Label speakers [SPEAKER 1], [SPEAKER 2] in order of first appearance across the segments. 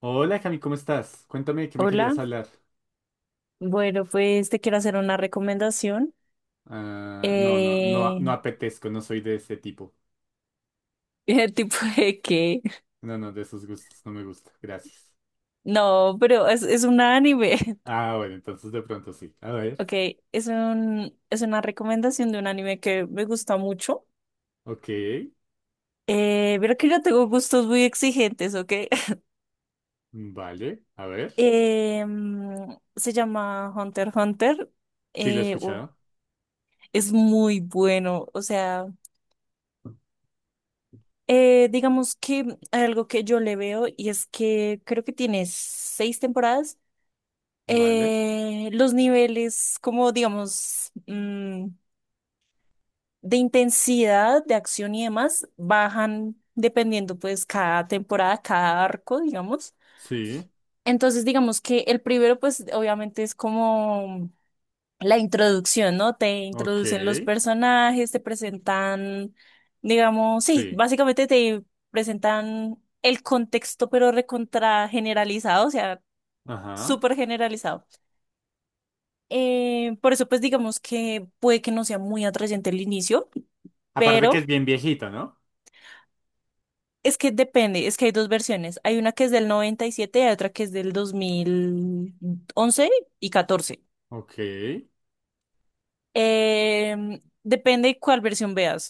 [SPEAKER 1] Hola Cami, ¿cómo estás? Cuéntame de qué me querías
[SPEAKER 2] Hola,
[SPEAKER 1] hablar.
[SPEAKER 2] bueno, pues te quiero hacer una recomendación.
[SPEAKER 1] Ah, no, no, no,
[SPEAKER 2] Eh,
[SPEAKER 1] no apetezco, no soy de ese tipo.
[SPEAKER 2] ¿El tipo de qué?
[SPEAKER 1] No, no, de esos gustos no me gusta. Gracias.
[SPEAKER 2] No, pero es un anime.
[SPEAKER 1] Ah, bueno, entonces de pronto sí. A ver.
[SPEAKER 2] Ok, es una recomendación de un anime que me gusta mucho.
[SPEAKER 1] Ok.
[SPEAKER 2] Pero que yo tengo gustos muy exigentes, ¿ok?
[SPEAKER 1] Vale. A ver.
[SPEAKER 2] Se llama Hunter x Hunter.
[SPEAKER 1] Sí, lo he
[SPEAKER 2] Eh, u-
[SPEAKER 1] escuchado.
[SPEAKER 2] es muy bueno. O sea, digamos que hay algo que yo le veo y es que creo que tiene seis temporadas.
[SPEAKER 1] Vale.
[SPEAKER 2] Los niveles, como digamos, mm, de intensidad, de acción y demás, bajan dependiendo pues cada temporada, cada arco, digamos.
[SPEAKER 1] Sí.
[SPEAKER 2] Entonces, digamos que el primero pues obviamente es como la introducción, ¿no? Te
[SPEAKER 1] Ok.
[SPEAKER 2] introducen los personajes, te presentan, digamos, sí,
[SPEAKER 1] Sí.
[SPEAKER 2] básicamente te presentan el contexto, pero recontra generalizado. O sea,
[SPEAKER 1] Ajá.
[SPEAKER 2] súper generalizado. Por eso, pues digamos que puede que no sea muy atrayente el inicio,
[SPEAKER 1] Aparte que
[SPEAKER 2] pero
[SPEAKER 1] es bien viejito, ¿no?
[SPEAKER 2] es que depende, es que hay dos versiones. Hay una que es del noventa y siete y hay otra que es del 2011 y 14.
[SPEAKER 1] Ok.
[SPEAKER 2] Eh, depende cuál versión veas,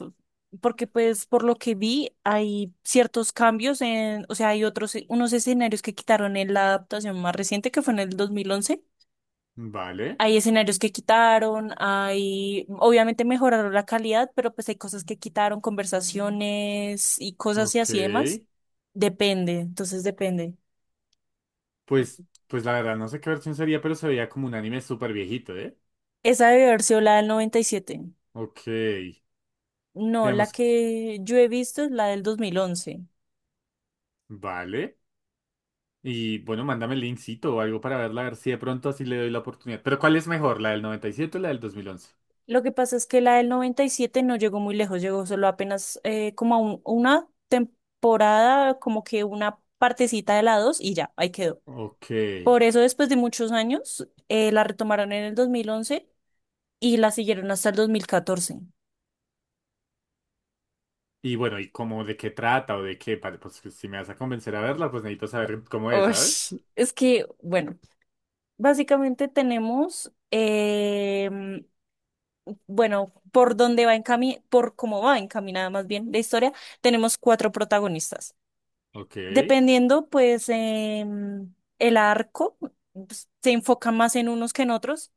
[SPEAKER 2] porque pues por lo que vi hay ciertos cambios en. O sea, unos escenarios que quitaron en la adaptación más reciente que fue en el 2011.
[SPEAKER 1] Vale.
[SPEAKER 2] Hay escenarios que quitaron, obviamente mejoraron la calidad, pero pues hay cosas que quitaron, conversaciones y cosas y
[SPEAKER 1] Ok.
[SPEAKER 2] así demás. Depende, entonces depende.
[SPEAKER 1] Pues la verdad, no sé qué versión sería, pero se veía como un anime súper viejito, ¿eh?
[SPEAKER 2] ¿Esa debe haber sido la del 97?
[SPEAKER 1] Ok.
[SPEAKER 2] No, la
[SPEAKER 1] Digamos,
[SPEAKER 2] que yo he visto es la del 2011.
[SPEAKER 1] vale. Y bueno, mándame el linkcito o algo para verla, a ver si de pronto así le doy la oportunidad. Pero ¿cuál es mejor, la del noventa y siete o la del 2011?
[SPEAKER 2] Lo que pasa es que la del 97 no llegó muy lejos, llegó solo apenas como a una temporada, como que una partecita de la 2 y ya, ahí quedó.
[SPEAKER 1] Ok.
[SPEAKER 2] Por eso después de muchos años la retomaron en el 2011 y la siguieron hasta el 2014.
[SPEAKER 1] Y bueno, ¿y cómo de qué trata o de qué? Vale, pues, si me vas a convencer a verla, pues necesito saber cómo es, ¿sabes?
[SPEAKER 2] Ush, es que, bueno, básicamente tenemos, bueno, por cómo va encaminada más bien la historia. Tenemos cuatro protagonistas.
[SPEAKER 1] Ok.
[SPEAKER 2] Dependiendo, pues, el arco, pues, se enfoca más en unos que en otros,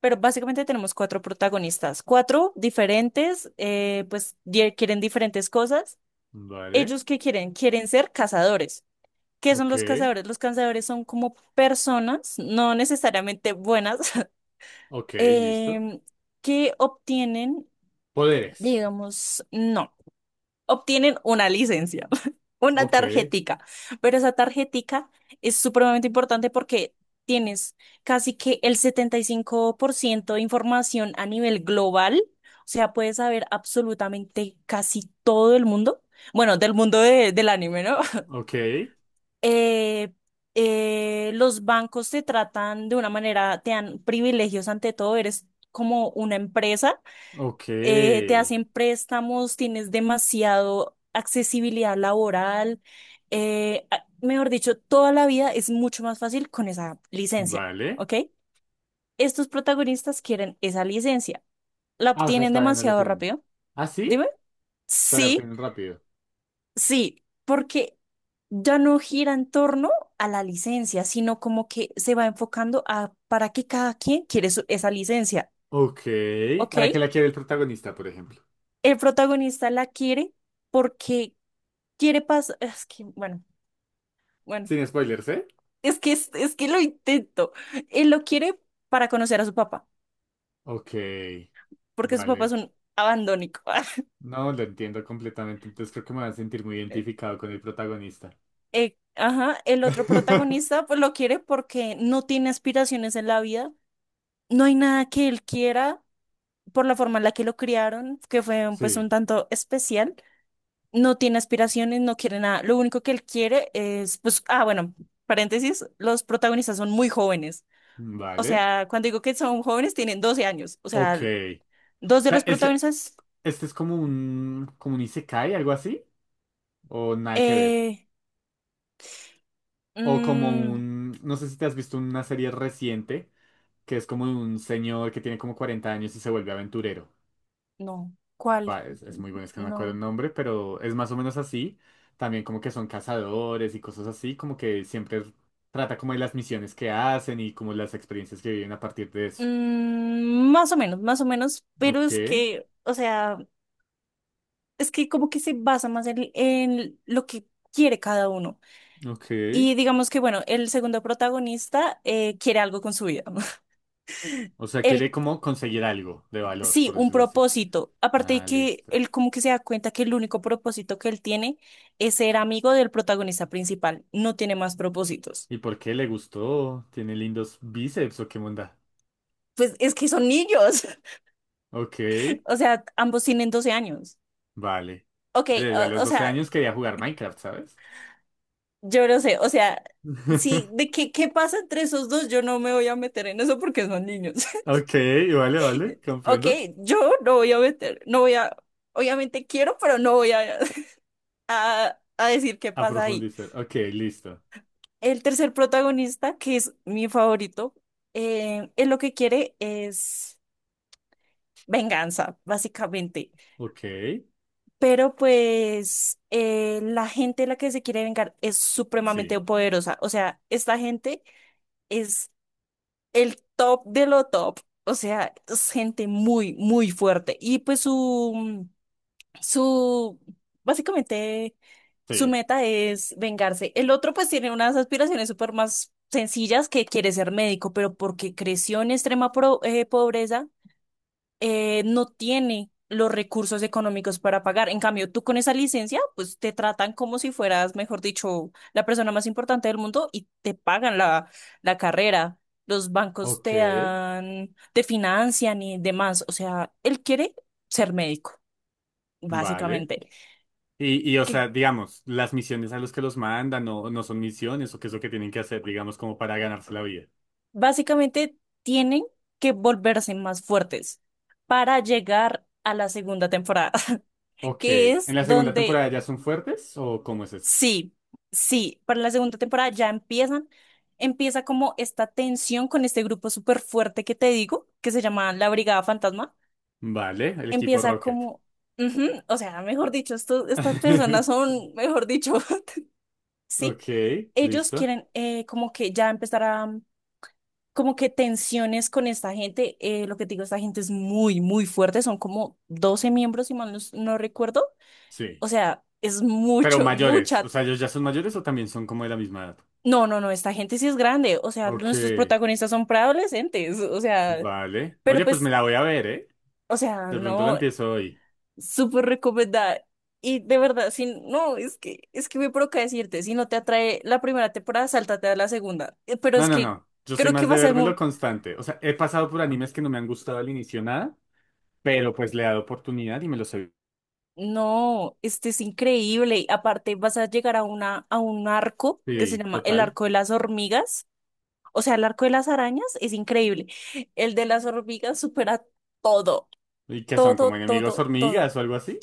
[SPEAKER 2] pero básicamente tenemos cuatro protagonistas, cuatro diferentes. Quieren diferentes cosas.
[SPEAKER 1] Vale.
[SPEAKER 2] ¿Ellos qué quieren? Quieren ser cazadores. ¿Qué son
[SPEAKER 1] Ok.
[SPEAKER 2] los cazadores? Los cazadores son como personas, no necesariamente buenas,
[SPEAKER 1] Ok, listo.
[SPEAKER 2] em, que obtienen,
[SPEAKER 1] Poderes.
[SPEAKER 2] digamos, no, obtienen una licencia, una
[SPEAKER 1] Ok.
[SPEAKER 2] tarjetica, pero esa tarjetica es supremamente importante porque tienes casi que el 75% de información a nivel global. O sea, puedes saber absolutamente casi todo el mundo, bueno, del mundo del anime, ¿no?
[SPEAKER 1] Ok.
[SPEAKER 2] eh, los bancos te tratan de una manera, te dan privilegios ante todo, eres como una empresa.
[SPEAKER 1] Ok.
[SPEAKER 2] Te hacen préstamos, tienes demasiado accesibilidad laboral. Mejor dicho, toda la vida es mucho más fácil con esa licencia,
[SPEAKER 1] Vale.
[SPEAKER 2] ¿ok? Estos protagonistas quieren esa licencia, la
[SPEAKER 1] Ah, o sea,
[SPEAKER 2] obtienen
[SPEAKER 1] todavía no la
[SPEAKER 2] demasiado
[SPEAKER 1] tienen.
[SPEAKER 2] rápido,
[SPEAKER 1] ¿Ah, sí?
[SPEAKER 2] dime,
[SPEAKER 1] O sea, la
[SPEAKER 2] sí.
[SPEAKER 1] obtienen rápido.
[SPEAKER 2] Sí, porque ya no gira en torno a la licencia, sino como que se va enfocando a para qué cada quien quiere esa licencia,
[SPEAKER 1] Ok.
[SPEAKER 2] ¿ok?
[SPEAKER 1] ¿Para qué la quiere el protagonista, por ejemplo?
[SPEAKER 2] El protagonista la quiere porque quiere pasar, es que, bueno,
[SPEAKER 1] Sin spoilers, ¿eh?
[SPEAKER 2] es que lo intento. Él lo quiere para conocer a su papá,
[SPEAKER 1] Ok,
[SPEAKER 2] porque su papá es
[SPEAKER 1] vale.
[SPEAKER 2] un abandónico.
[SPEAKER 1] No, lo entiendo completamente, entonces creo que me voy a sentir muy identificado con el protagonista.
[SPEAKER 2] Ajá, el otro protagonista pues lo quiere porque no tiene aspiraciones en la vida. No hay nada que él quiera por la forma en la que lo criaron, que fue un
[SPEAKER 1] Sí,
[SPEAKER 2] tanto especial. No tiene aspiraciones, no quiere nada. Lo único que él quiere es, pues, ah, bueno, paréntesis, los protagonistas son muy jóvenes. O
[SPEAKER 1] vale.
[SPEAKER 2] sea, cuando digo que son jóvenes, tienen 12 años. O
[SPEAKER 1] Ok.
[SPEAKER 2] sea,
[SPEAKER 1] O
[SPEAKER 2] dos de
[SPEAKER 1] sea,
[SPEAKER 2] los
[SPEAKER 1] este,
[SPEAKER 2] protagonistas,
[SPEAKER 1] este es como un isekai, algo así, o nada que ver.
[SPEAKER 2] eh,
[SPEAKER 1] O como
[SPEAKER 2] mm,
[SPEAKER 1] un, no sé si te has visto una serie reciente, que es como de un señor que tiene como 40 años y se vuelve aventurero.
[SPEAKER 2] no, ¿cuál?
[SPEAKER 1] Va, es muy bueno, es que no me acuerdo el
[SPEAKER 2] No.
[SPEAKER 1] nombre, pero es más o menos así. También como que son cazadores y cosas así, como que siempre trata como de las misiones que hacen y como las experiencias que viven a partir de eso.
[SPEAKER 2] Mm, más o menos, pero
[SPEAKER 1] Ok,
[SPEAKER 2] es que, o sea, es que como que se basa más en lo que quiere cada uno.
[SPEAKER 1] ok.
[SPEAKER 2] Y digamos que, bueno, el segundo protagonista quiere algo con su vida.
[SPEAKER 1] O sea,
[SPEAKER 2] Él,
[SPEAKER 1] quiere como conseguir algo de valor,
[SPEAKER 2] sí,
[SPEAKER 1] por
[SPEAKER 2] un
[SPEAKER 1] decirlo así.
[SPEAKER 2] propósito. Aparte de
[SPEAKER 1] Ah,
[SPEAKER 2] que
[SPEAKER 1] listo.
[SPEAKER 2] él como que se da cuenta que el único propósito que él tiene es ser amigo del protagonista principal. No tiene más propósitos.
[SPEAKER 1] ¿Y por qué le gustó? ¿Tiene lindos bíceps o qué onda?
[SPEAKER 2] Pues es que son niños.
[SPEAKER 1] Ok,
[SPEAKER 2] O sea, ambos tienen 12 años.
[SPEAKER 1] vale.
[SPEAKER 2] Ok,
[SPEAKER 1] Oye, yo a
[SPEAKER 2] o,
[SPEAKER 1] los
[SPEAKER 2] o
[SPEAKER 1] 12
[SPEAKER 2] sea,
[SPEAKER 1] años quería jugar Minecraft, ¿sabes?
[SPEAKER 2] yo no sé. O sea, sí, ¿qué pasa entre esos dos? Yo no me voy a meter en eso porque son niños.
[SPEAKER 1] Ok, vale, vale,
[SPEAKER 2] Ok,
[SPEAKER 1] comprendo.
[SPEAKER 2] yo no voy a meter, no voy a... Obviamente quiero, pero no voy a. A decir qué
[SPEAKER 1] A
[SPEAKER 2] pasa ahí.
[SPEAKER 1] profundizar. Ok, listo.
[SPEAKER 2] El tercer protagonista, que es mi favorito, él lo que quiere es venganza, básicamente.
[SPEAKER 1] Ok,
[SPEAKER 2] Pero pues la gente a la que se quiere vengar es
[SPEAKER 1] sí,
[SPEAKER 2] supremamente poderosa. O sea, esta gente es el top de lo top. O sea, es gente muy, muy fuerte. Y pues su, básicamente... Su
[SPEAKER 1] sí.
[SPEAKER 2] meta es vengarse. El otro pues tiene unas aspiraciones súper más sencillas que quiere ser médico, pero porque creció en extrema pobreza. No tiene los recursos económicos para pagar. En cambio, tú con esa licencia, pues te tratan como si fueras, mejor dicho, la persona más importante del mundo y te pagan la carrera. Los bancos
[SPEAKER 1] Ok,
[SPEAKER 2] te dan, te financian y demás. O sea, él quiere ser médico,
[SPEAKER 1] vale.
[SPEAKER 2] básicamente.
[SPEAKER 1] Y, o sea, digamos, las misiones a los que los mandan no, no son misiones o qué es lo que tienen que hacer, digamos, como para ganarse la vida.
[SPEAKER 2] Básicamente tienen que volverse más fuertes para llegar a la segunda temporada,
[SPEAKER 1] Ok,
[SPEAKER 2] que
[SPEAKER 1] ¿en
[SPEAKER 2] es
[SPEAKER 1] la segunda
[SPEAKER 2] donde
[SPEAKER 1] temporada ya son fuertes o cómo es eso?
[SPEAKER 2] sí, sí, para la segunda temporada ya empieza como esta tensión con este grupo súper fuerte que te digo, que se llama la Brigada Fantasma.
[SPEAKER 1] Vale, el equipo
[SPEAKER 2] Empieza
[SPEAKER 1] Rocket.
[SPEAKER 2] como, ujú, o sea, mejor dicho, estas personas son, mejor dicho, sí,
[SPEAKER 1] Ok,
[SPEAKER 2] ellos
[SPEAKER 1] listo.
[SPEAKER 2] quieren como que ya empezar a como que tensiones con esta gente. Lo que te digo, esta gente es muy, muy fuerte. Son como 12 miembros, si mal no recuerdo.
[SPEAKER 1] Sí.
[SPEAKER 2] O sea, es
[SPEAKER 1] Pero
[SPEAKER 2] mucho,
[SPEAKER 1] mayores, o
[SPEAKER 2] mucha.
[SPEAKER 1] sea, ¿ellos ya son mayores o también son como de la misma edad?
[SPEAKER 2] No, no, no, esta gente sí es grande. O sea,
[SPEAKER 1] Ok,
[SPEAKER 2] nuestros protagonistas son preadolescentes. O sea,
[SPEAKER 1] vale.
[SPEAKER 2] pero
[SPEAKER 1] Oye, pues me
[SPEAKER 2] pues,
[SPEAKER 1] la voy a ver, ¿eh?
[SPEAKER 2] o sea,
[SPEAKER 1] De pronto la
[SPEAKER 2] no,
[SPEAKER 1] empiezo hoy.
[SPEAKER 2] súper recomendada. Y de verdad, si no, es que me provoca decirte, si no te atrae la primera temporada, sáltate a la segunda. Pero
[SPEAKER 1] No,
[SPEAKER 2] es
[SPEAKER 1] no,
[SPEAKER 2] que
[SPEAKER 1] no. Yo soy
[SPEAKER 2] creo que
[SPEAKER 1] más
[SPEAKER 2] va
[SPEAKER 1] de
[SPEAKER 2] a ser
[SPEAKER 1] vérmelo
[SPEAKER 2] muy,
[SPEAKER 1] constante. O sea, he pasado por animes que no me han gustado al inicio nada, pero pues le he dado oportunidad y me los he.
[SPEAKER 2] no, este es increíble. Y aparte, vas a llegar a a un arco que se
[SPEAKER 1] Sí,
[SPEAKER 2] llama el
[SPEAKER 1] total.
[SPEAKER 2] arco de las hormigas. O sea, el arco de las arañas es increíble. El de las hormigas supera todo,
[SPEAKER 1] ¿Y qué son?
[SPEAKER 2] todo,
[SPEAKER 1] ¿Como enemigos
[SPEAKER 2] todo, todo.
[SPEAKER 1] hormigas o algo así?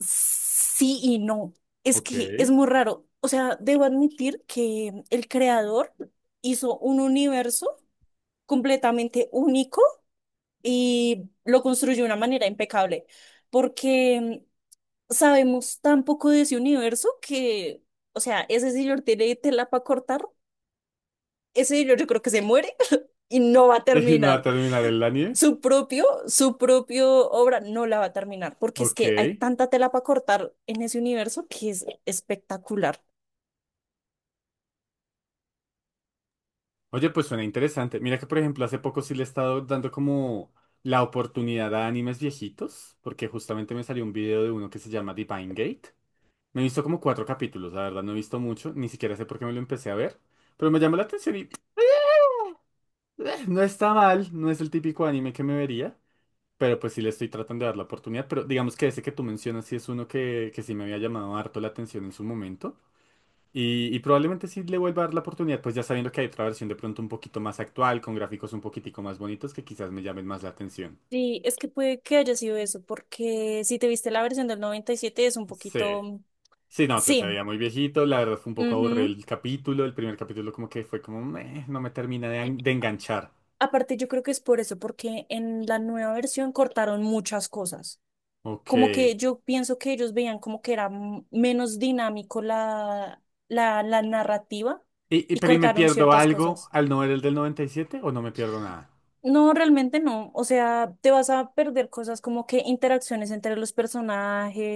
[SPEAKER 2] Sí y no. Es
[SPEAKER 1] Ok.
[SPEAKER 2] que es muy raro. O sea, debo admitir que el creador hizo un universo completamente único y lo construyó de una manera impecable. Porque sabemos tan poco de ese universo que, o sea, ese señor tiene tela para cortar. Ese señor yo creo que se muere y no va a
[SPEAKER 1] Y nada,
[SPEAKER 2] terminar.
[SPEAKER 1] terminar el anime.
[SPEAKER 2] Su propio obra no la va a terminar, porque es
[SPEAKER 1] Ok.
[SPEAKER 2] que hay tanta tela para cortar en ese universo que es espectacular.
[SPEAKER 1] Oye, pues suena interesante. Mira que, por ejemplo, hace poco sí le he estado dando como la oportunidad a animes viejitos, porque justamente me salió un video de uno que se llama Divine Gate. Me he visto como cuatro capítulos, la verdad, no he visto mucho, ni siquiera sé por qué me lo empecé a ver, pero me llamó la atención y no está mal, no es el típico anime que me vería, pero pues sí le estoy tratando de dar la oportunidad, pero digamos que ese que tú mencionas sí es uno que sí me había llamado harto la atención en su momento y probablemente sí le vuelva a dar la oportunidad, pues ya sabiendo que hay otra versión de pronto un poquito más actual, con gráficos un poquitico más bonitos que quizás me llamen más la atención.
[SPEAKER 2] Sí, es que puede que haya sido eso, porque si te viste la versión del 97 es un
[SPEAKER 1] Sí,
[SPEAKER 2] poquito...
[SPEAKER 1] sí, no sé, se
[SPEAKER 2] Sí.
[SPEAKER 1] veía muy viejito, la verdad fue un poco aburrido
[SPEAKER 2] Ujú.
[SPEAKER 1] el capítulo, el primer capítulo como que fue como, "Meh, no me termina de enganchar".
[SPEAKER 2] Aparte, yo creo que es por eso, porque en la nueva versión cortaron muchas cosas.
[SPEAKER 1] Ok.
[SPEAKER 2] Como que
[SPEAKER 1] Y,
[SPEAKER 2] yo pienso que ellos veían como que era menos dinámico la narrativa
[SPEAKER 1] y-
[SPEAKER 2] y
[SPEAKER 1] pero ¿y me
[SPEAKER 2] cortaron
[SPEAKER 1] pierdo
[SPEAKER 2] ciertas
[SPEAKER 1] algo
[SPEAKER 2] cosas.
[SPEAKER 1] al no ver el del 97 o no me pierdo nada?
[SPEAKER 2] No, realmente no. O sea, te vas a perder cosas como que interacciones entre los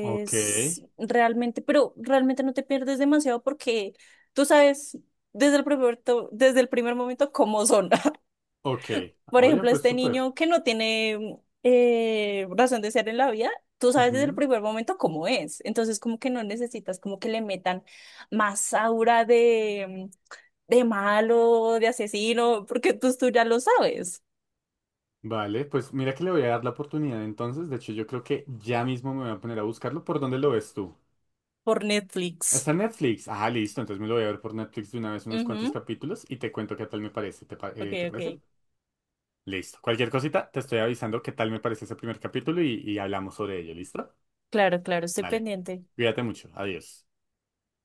[SPEAKER 1] Ok,
[SPEAKER 2] realmente, pero realmente no te pierdes demasiado porque tú sabes desde el primer momento cómo son.
[SPEAKER 1] ok.
[SPEAKER 2] por
[SPEAKER 1] Oye,
[SPEAKER 2] ejemplo,
[SPEAKER 1] pues
[SPEAKER 2] este
[SPEAKER 1] súper.
[SPEAKER 2] niño que no tiene razón de ser en la vida, tú sabes desde el
[SPEAKER 1] Ujú.
[SPEAKER 2] primer momento cómo es. Entonces, como que no necesitas como que le metan más aura de, malo, de asesino, porque tú ya lo sabes
[SPEAKER 1] Vale, pues mira que le voy a dar la oportunidad entonces. De hecho, yo creo que ya mismo me voy a poner a buscarlo. ¿Por dónde lo ves tú?
[SPEAKER 2] por
[SPEAKER 1] Está
[SPEAKER 2] Netflix.
[SPEAKER 1] en Netflix. Ah, listo. Entonces me lo voy a ver por Netflix de una vez unos cuantos
[SPEAKER 2] Ujú.
[SPEAKER 1] capítulos y te cuento qué tal me parece. ¿Te, pa-
[SPEAKER 2] Ok,
[SPEAKER 1] eh, te parece?
[SPEAKER 2] ok.
[SPEAKER 1] Listo. Cualquier cosita, te estoy avisando qué tal me parece ese primer capítulo y hablamos sobre ello. ¿Listo?
[SPEAKER 2] Claro, claro, estoy
[SPEAKER 1] Dale.
[SPEAKER 2] pendiente.
[SPEAKER 1] Cuídate mucho. Adiós.